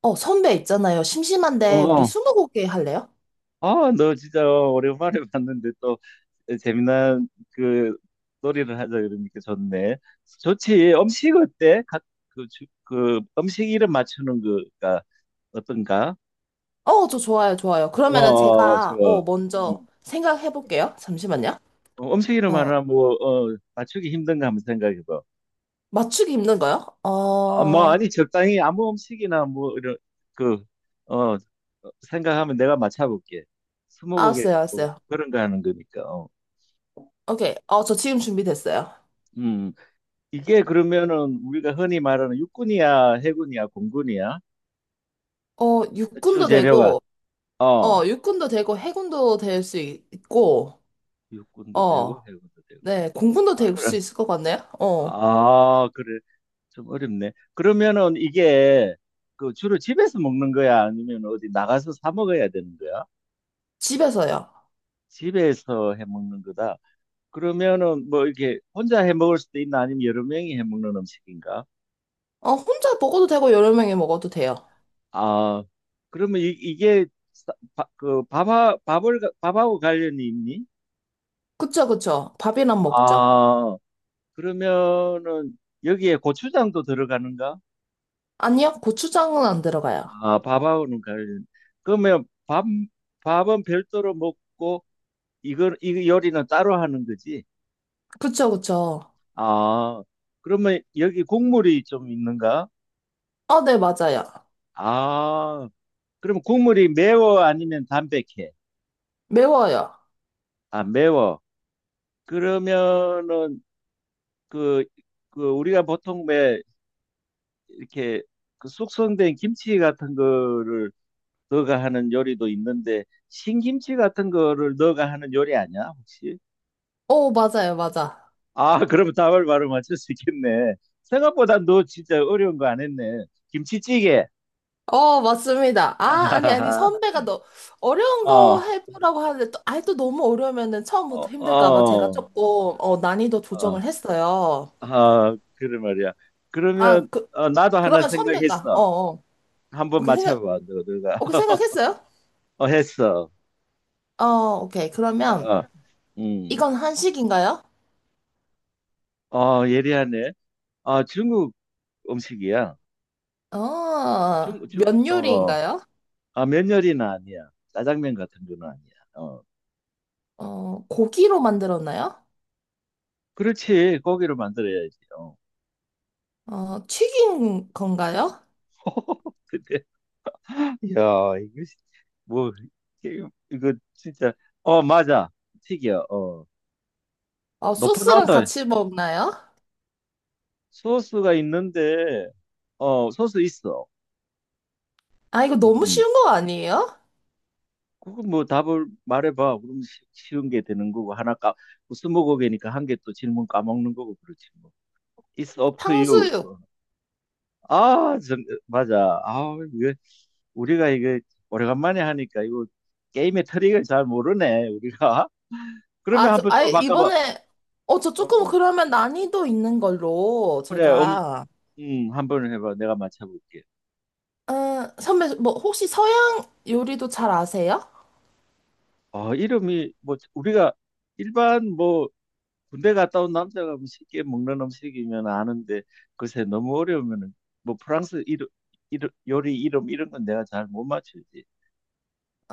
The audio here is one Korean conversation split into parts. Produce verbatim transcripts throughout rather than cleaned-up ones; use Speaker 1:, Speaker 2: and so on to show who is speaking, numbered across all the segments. Speaker 1: 어, 선배 있잖아요.
Speaker 2: 어,
Speaker 1: 심심한데 우리
Speaker 2: 어.
Speaker 1: 스무고개 할래요?
Speaker 2: 아, 너 진짜 오랜만에 봤는데 또 재미난 그 놀이를 하자 그러니까 좋네. 좋지. 음식 어때? 각, 그, 주- 그 음식 이름 맞추는 거가 어떤가?
Speaker 1: 어, 저 좋아요, 좋아요.
Speaker 2: 어,
Speaker 1: 그러면은
Speaker 2: 어,
Speaker 1: 제가
Speaker 2: 좋아.
Speaker 1: 어 먼저
Speaker 2: 음.
Speaker 1: 생각해 볼게요. 잠시만요.
Speaker 2: 어, 음식 이름
Speaker 1: 어,
Speaker 2: 하나 뭐 어, 맞추기 힘든가 한번 생각해봐.
Speaker 1: 맞추기 힘든 거요?
Speaker 2: 아, 뭐
Speaker 1: 어,
Speaker 2: 아니 적당히 아무 음식이나 뭐 이런 그 어, 생각하면 내가 맞춰볼게. 스무고개
Speaker 1: 알았어요,
Speaker 2: 같고
Speaker 1: 알았어요.
Speaker 2: 그런 거 하는 거니까.
Speaker 1: 오케이. 어, 저 지금 준비됐어요.
Speaker 2: 어. 이게 그러면은 우리가 흔히 말하는 육군이야, 해군이야, 공군이야?
Speaker 1: 어,
Speaker 2: 주
Speaker 1: 육군도
Speaker 2: 재료가
Speaker 1: 되고,
Speaker 2: 어
Speaker 1: 어, 육군도 되고, 해군도 될 수 있고,
Speaker 2: 육군도
Speaker 1: 어,
Speaker 2: 되고 해군도 되고.
Speaker 1: 네, 공군도
Speaker 2: 아
Speaker 1: 될 수
Speaker 2: 그래.
Speaker 1: 있을 것 같네요. 어,
Speaker 2: 아 그래. 좀 어렵네. 그러면은 이게 그 주로 집에서 먹는 거야, 아니면 어디 나가서 사 먹어야 되는 거야?
Speaker 1: 집에서요.
Speaker 2: 집에서 해 먹는 거다. 그러면은 뭐 이렇게 혼자 해 먹을 수도 있나, 아니면 여러 명이 해 먹는 음식인가?
Speaker 1: 어, 혼자 먹어도 되고, 여러 명이 먹어도 돼요.
Speaker 2: 아 그러면 이, 이게 사- 바- 그 밥하, 밥을 가- 밥하고 관련이 있니?
Speaker 1: 그쵸, 그쵸. 밥이랑 먹죠.
Speaker 2: 아, 그러면은 여기에 고추장도 들어가는가?
Speaker 1: 아니요, 고추장은 안 들어가요.
Speaker 2: 아, 밥하고는 관련. 그러면 밥, 밥은 별도로 먹고 이거 이 요리는 따로 하는 거지?
Speaker 1: 그쵸, 그쵸.
Speaker 2: 아, 그러면 여기 국물이 좀 있는가?
Speaker 1: 아, 네, 맞아요.
Speaker 2: 아, 그럼 국물이 매워 아니면 담백해?
Speaker 1: 매워요.
Speaker 2: 아, 매워. 그러면은 그, 그 우리가 보통 왜 이렇게 그 숙성된 김치 같은 거를 너가 하는 요리도 있는데 신김치 같은 거를 너가 하는 요리 아니야 혹시?
Speaker 1: 오, 맞아요, 맞아.
Speaker 2: 아 그러면 답을 바로 맞출 수 있겠네. 생각보다 너 진짜 어려운 거 안 했네. 김치찌개.
Speaker 1: 어, 맞습니다. 아, 아니, 아니, 선배가 너, 어려운 거
Speaker 2: 어,
Speaker 1: 해보라고 하는데, 또, 아이, 또 너무 어려우면은
Speaker 2: 어,
Speaker 1: 처음부터 힘들까봐 제가
Speaker 2: 어,
Speaker 1: 조금, 어, 난이도
Speaker 2: 어,
Speaker 1: 조정을 했어요.
Speaker 2: 아, 그래 말이야.
Speaker 1: 아,
Speaker 2: 그러면
Speaker 1: 그,
Speaker 2: 어, 나도 하나
Speaker 1: 그러면 선배가, 어,
Speaker 2: 생각했어.
Speaker 1: 어.
Speaker 2: 한번
Speaker 1: 오케이, 생각,
Speaker 2: 맞춰봐, 너, 너가.
Speaker 1: 오케이, 생각했어요?
Speaker 2: 어, 했어.
Speaker 1: 어, 오케이.
Speaker 2: 어,
Speaker 1: 그러면,
Speaker 2: 어. 음,
Speaker 1: 이건 한식인가요?
Speaker 2: 어, 예리하네. 아, 중국 음식이야.
Speaker 1: 어,
Speaker 2: 중국, 중,
Speaker 1: 면
Speaker 2: 어. 어.
Speaker 1: 요리인가요?
Speaker 2: 아, 면열이는 아니야. 짜장면 같은 거는 아니야. 어.
Speaker 1: 어, 고기로 만들었나요?
Speaker 2: 그렇지. 고기를 만들어야지. 어.
Speaker 1: 어, 튀긴 건가요?
Speaker 2: 근데, 야, 이거, 시- 뭐, 이거, 이거 진짜, 어, 맞아. 튀겨. 어.
Speaker 1: 아,
Speaker 2: 높은
Speaker 1: 소스랑
Speaker 2: 온도,
Speaker 1: 같이 먹나요?
Speaker 2: 소스가 있는데, 어, 소스 있어.
Speaker 1: 아, 이거 너무
Speaker 2: 음.
Speaker 1: 쉬운 거 아니에요?
Speaker 2: 그거 뭐 답을 말해봐. 그럼 쉬- 쉬운 게 되는 거고, 하나 까, 뭐 스무고개니까 한 개 또 질문 까먹는 거고, 그렇지 뭐. It's up to you.
Speaker 1: 탕수육.
Speaker 2: 어. 아, 정, 맞아. 아, 이 우리가 이거 오래간만에 하니까 이거 게임의 트릭을 잘 모르네, 우리가.
Speaker 1: 아,
Speaker 2: 그러면
Speaker 1: 저,
Speaker 2: 한번
Speaker 1: 아,
Speaker 2: 또 바꿔봐.
Speaker 1: 이번에, 어, 저 조금
Speaker 2: 어,
Speaker 1: 그러면 난이도 있는 걸로
Speaker 2: 그래, 음,
Speaker 1: 제가,
Speaker 2: 음, 한번 해봐. 내가 맞춰볼게.
Speaker 1: 어, 선배, 뭐, 혹시 서양 요리도 잘 아세요?
Speaker 2: 어, 이름이, 뭐, 우리가 일반 뭐, 군대 갔다 온 남자가 뭐 쉽게 먹는 음식이면 아는데, 글쎄, 너무 어려우면은, 뭐, 프랑스 이름, 이름, 요리 이름, 이런 건 내가 잘 못 맞추지.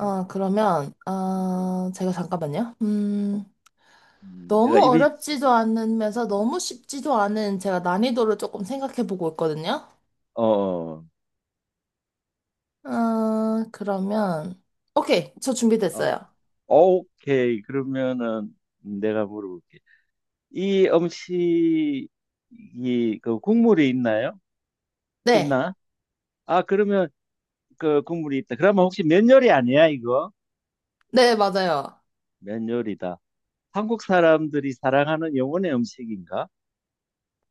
Speaker 2: 어,
Speaker 1: 그러면,
Speaker 2: 음,
Speaker 1: 아, 제가 잠깐만요. 음,
Speaker 2: 음, 내가
Speaker 1: 너무
Speaker 2: 입이,
Speaker 1: 어렵지도 않으면서 너무 쉽지도 않은 제가 난이도를 조금 생각해 보고 있거든요.
Speaker 2: 어, 어,
Speaker 1: 아, 그러면, 오케이, 저
Speaker 2: 어,
Speaker 1: 준비됐어요.
Speaker 2: 어, 오케이. 그러면은, 내가 물어볼게. 이 음식이 그 국물이 있나요?
Speaker 1: 네,
Speaker 2: 있나? 아, 그러면 그 국물이 있다. 그러면 혹시 면 요리 아니야, 이거?
Speaker 1: 네, 맞아요.
Speaker 2: 면 요리다. 한국 사람들이 사랑하는 영혼의 음식인가?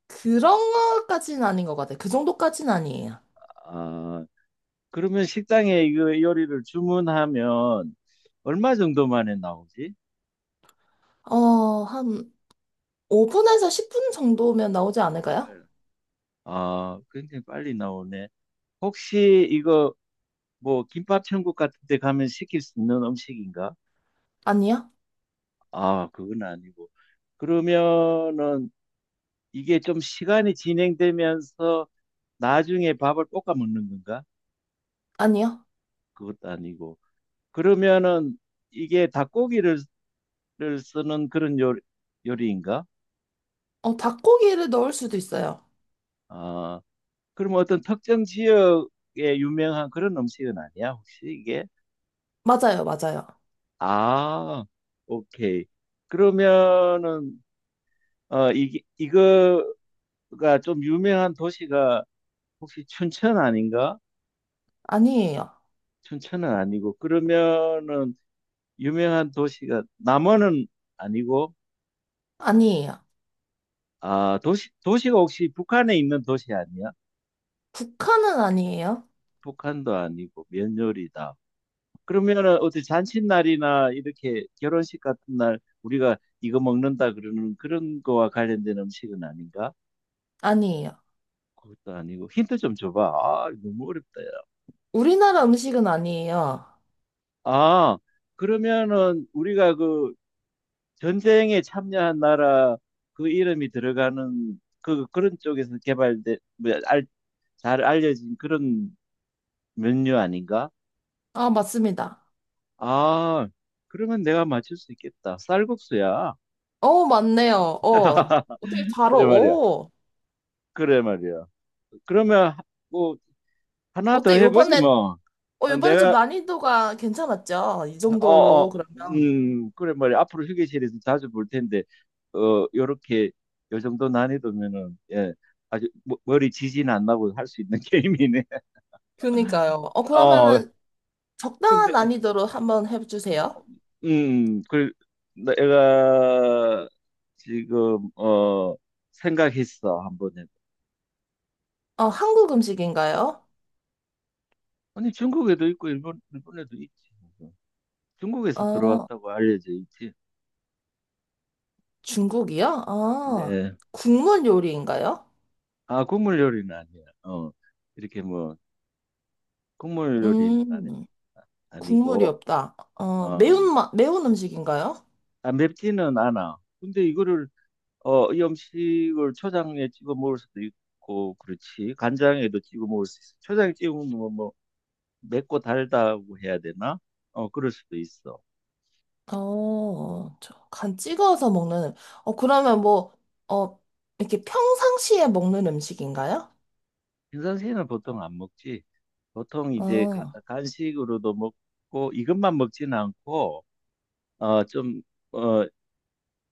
Speaker 1: 그런 것까지는 아닌 것 같아요. 그 정도까지는 아니에요.
Speaker 2: 아, 그러면 식당에 이거 요리를 주문하면 얼마 정도 만에 나오지?
Speaker 1: 어, 한 오 분에서 십 분 정도면 나오지
Speaker 2: 아,
Speaker 1: 않을까요?
Speaker 2: 빨리. 아, 굉장히 빨리 나오네. 혹시 이거 뭐 김밥 천국 같은 데 가면 시킬 수 있는 음식인가?
Speaker 1: 아니요?
Speaker 2: 아, 그건 아니고. 그러면은 이게 좀 시간이 진행되면서 나중에 밥을 볶아 먹는 건가?
Speaker 1: 아니요?
Speaker 2: 그것도 아니고. 그러면은 이게 닭고기를 를 쓰는 그런 요, 요리인가?
Speaker 1: 어, 닭고기를 넣을 수도 있어요.
Speaker 2: 아, 그럼 어떤 특정 지역에 유명한 그런 음식은 아니야, 혹시 이게?
Speaker 1: 맞아요, 맞아요.
Speaker 2: 아, 오케이. 그러면은 어, 이게 이거가 좀 유명한 도시가 혹시 춘천 아닌가?
Speaker 1: 아니에요.
Speaker 2: 춘천은 아니고 그러면은 유명한 도시가 남원은 아니고
Speaker 1: 아니에요.
Speaker 2: 아 도시 도시가 혹시 북한에 있는 도시 아니야?
Speaker 1: 북한은 아니에요.
Speaker 2: 북한도 아니고 면요리다. 그러면은 어디 잔칫날이나 이렇게 결혼식 같은 날 우리가 이거 먹는다 그러는 그런 거와 관련된 음식은 아닌가?
Speaker 1: 아니에요.
Speaker 2: 그것도 아니고 힌트 좀 줘봐. 아 너무 어렵다 야.
Speaker 1: 우리나라 음식은 아니에요.
Speaker 2: 아 그러면은 우리가 그 전쟁에 참여한 나라 그 이름이 들어가는 그 그런 쪽에서 개발된 뭐, 잘 알려진 그런 메뉴 아닌가?
Speaker 1: 아, 맞습니다.
Speaker 2: 아, 그러면 내가 맞출 수 있겠다. 쌀국수야.
Speaker 1: 어, 맞네요. 어. 어떻게 바로,
Speaker 2: 그래 말이야.
Speaker 1: 어.
Speaker 2: 그래 말이야. 그러면 뭐 하나 더
Speaker 1: 어때,
Speaker 2: 해보지
Speaker 1: 요번에,
Speaker 2: 뭐.
Speaker 1: 어,
Speaker 2: 어,
Speaker 1: 요번에 좀
Speaker 2: 내가
Speaker 1: 난이도가 괜찮았죠? 이
Speaker 2: 어,
Speaker 1: 정도로
Speaker 2: 어,
Speaker 1: 그러면.
Speaker 2: 음, 그래 말이야. 앞으로 휴게실에서 자주 볼 텐데 어, 요렇게 요 정도 난이도면은 예, 아주 머- 머리 지진 안 나고 할 수 있는 게임이네.
Speaker 1: 그니까요. 어,
Speaker 2: 어,
Speaker 1: 그러면은
Speaker 2: 근데
Speaker 1: 적당한 난이도로 한번
Speaker 2: 어,
Speaker 1: 해주세요.
Speaker 2: 음, 그, 내가 지금, 어, 생각했어, 한번 에
Speaker 1: 어, 한국 음식인가요?
Speaker 2: 아니, 중국에도 있고, 일본, 일본에도 있지. 중국에서
Speaker 1: 어,
Speaker 2: 들어왔다고 알려져 있지.
Speaker 1: 중국이요? 아,
Speaker 2: 네.
Speaker 1: 국물 요리인가요?
Speaker 2: 아, 국물 요리는 아니야. 어, 이렇게 뭐, 국물 요리는 아니,
Speaker 1: 음,
Speaker 2: 아,
Speaker 1: 국물이
Speaker 2: 아니고,
Speaker 1: 없다. 어,
Speaker 2: 어,
Speaker 1: 매운 맛, 매운 음식인가요?
Speaker 2: 아, 맵지는 않아. 근데 이거를, 어, 이 음식을 초장에 찍어 먹을 수도 있고, 그렇지. 간장에도 찍어 먹을 수 있어. 초장에 찍어 먹는 건 뭐, 맵고 달다고 해야 되나? 어, 그럴 수도 있어.
Speaker 1: 어, 저, 간 찍어서 먹는, 어, 그러면 뭐, 어, 이렇게 평상시에 먹는 음식인가요?
Speaker 2: 인선새는 보통 안 먹지. 보통 이제 가-
Speaker 1: 어,
Speaker 2: 간식으로도 먹고 이것만 먹지는 않고 어, 좀 어,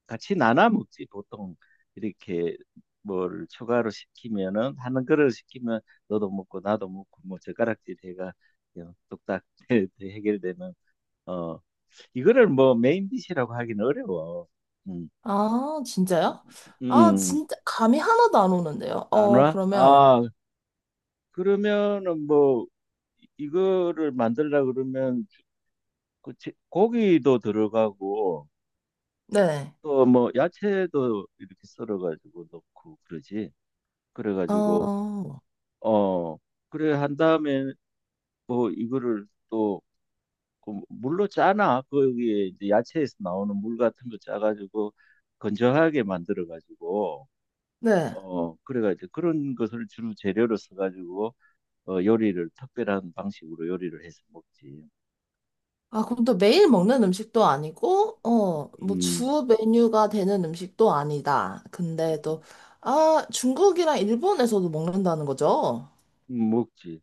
Speaker 2: 같이 나눠 먹지. 보통 이렇게 뭘 추가로 시키면은 하는 그릇 시키면 너도 먹고 나도 먹고 뭐 젓가락질 해가 그냥 뚝딱 해- 해결되는 어 이거를 뭐 메인 디시라고 하긴 어려워. 음,
Speaker 1: 아, 진짜요? 아,
Speaker 2: 음,
Speaker 1: 진짜, 감이 하나도 안 오는데요.
Speaker 2: 안
Speaker 1: 어,
Speaker 2: 와?
Speaker 1: 그러면,
Speaker 2: 아, 그러면은 뭐 이- 거를 만들라 그러면 그 제- 고기도 들어가고
Speaker 1: 네.
Speaker 2: 또 뭐 야채도 이렇게 썰어가지고 넣고 그러지. 그래가지고
Speaker 1: 어,
Speaker 2: 어 그래 한 다음에 뭐 이거를 또그 물로 짜나 거기에 이제 야채에서 나오는 물 같은 거 짜가지고 건조하게 만들어가지고
Speaker 1: 네.
Speaker 2: 어 그래가지고 그런 것을 주로 재료로 써가지고 어 요리를 특별한 방식으로 요리를 해서 먹지.
Speaker 1: 아, 그럼 또 매일 먹는 음식도 아니고, 어, 뭐
Speaker 2: 음.
Speaker 1: 주 메뉴가 되는 음식도 아니다. 근데
Speaker 2: 음,
Speaker 1: 또, 아, 중국이랑 일본에서도 먹는다는 거죠?
Speaker 2: 음, 먹지.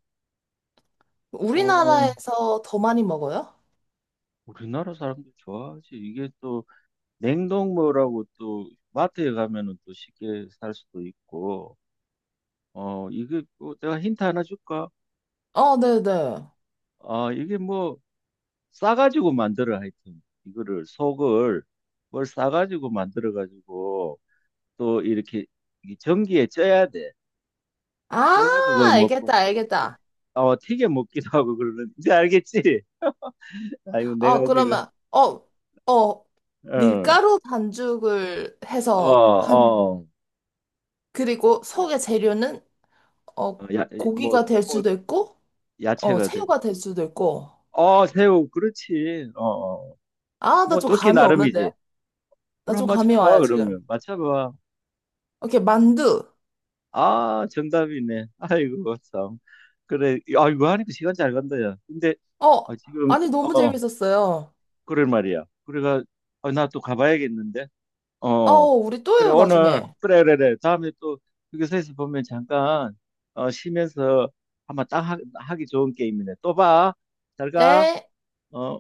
Speaker 2: 어,
Speaker 1: 우리나라에서 더 많이 먹어요?
Speaker 2: 우리나라 사람들 좋아하지. 이게 또 냉동무라고 또 마트에 가면은 또 쉽게 살 수도 있고. 어, 이게 뭐 내가 힌트 하나 줄까?
Speaker 1: 어, 네네.
Speaker 2: 아, 이게 뭐 싸가지고 만들어 하여튼 이거를 속을 뭘 싸가지고 만들어 가지고 또 이렇게 이게 전기에 쪄야 돼.
Speaker 1: 아,
Speaker 2: 쪄가지고 먹고
Speaker 1: 알겠다,
Speaker 2: 튀-
Speaker 1: 알겠다.
Speaker 2: 어, 튀겨 먹기도 하고 그러는 이제 알겠지? 아이고
Speaker 1: 어,
Speaker 2: 내가 지금
Speaker 1: 그러면, 어, 어,
Speaker 2: 어,
Speaker 1: 밀가루 반죽을
Speaker 2: 어,
Speaker 1: 해서 한,
Speaker 2: 어.
Speaker 1: 그리고 속의 재료는, 어,
Speaker 2: 어, 야, 이- 뭐,
Speaker 1: 고기가
Speaker 2: 꼭
Speaker 1: 될
Speaker 2: 꼭
Speaker 1: 수도 있고, 어,
Speaker 2: 야채가 될
Speaker 1: 새우가
Speaker 2: 수도
Speaker 1: 될 수도
Speaker 2: 있고.
Speaker 1: 있고.
Speaker 2: 어, 새우, 그렇지. 어, 어.
Speaker 1: 아, 나
Speaker 2: 뭐,
Speaker 1: 좀
Speaker 2: 넣기
Speaker 1: 감이
Speaker 2: 나름이지.
Speaker 1: 오는데요? 나
Speaker 2: 물
Speaker 1: 좀
Speaker 2: 한번
Speaker 1: 감이
Speaker 2: 쳐봐,
Speaker 1: 와요, 지금.
Speaker 2: 그러면. 맞춰봐.
Speaker 1: 오케이, 만두.
Speaker 2: 아, 정답이네. 아이고, 참. 그래. 아, 이거 하니까 시간 잘 간다, 야. 근데,
Speaker 1: 어,
Speaker 2: 아, 지금,
Speaker 1: 아니, 너무
Speaker 2: 어,
Speaker 1: 재밌었어요.
Speaker 2: 그럴 말이야. 그래가, 아, 나 또 가봐야겠는데.
Speaker 1: 어,
Speaker 2: 어,
Speaker 1: 우리 또
Speaker 2: 그래,
Speaker 1: 해요,
Speaker 2: 오늘,
Speaker 1: 나중에.
Speaker 2: 그래, 그래, 그래. 다음에 또, 휴게소에서 보면 잠깐, 어, 쉬면서 한번 딱 하, 하기 좋은 게임이네. 또 봐. 잘 가.
Speaker 1: 네.
Speaker 2: 어.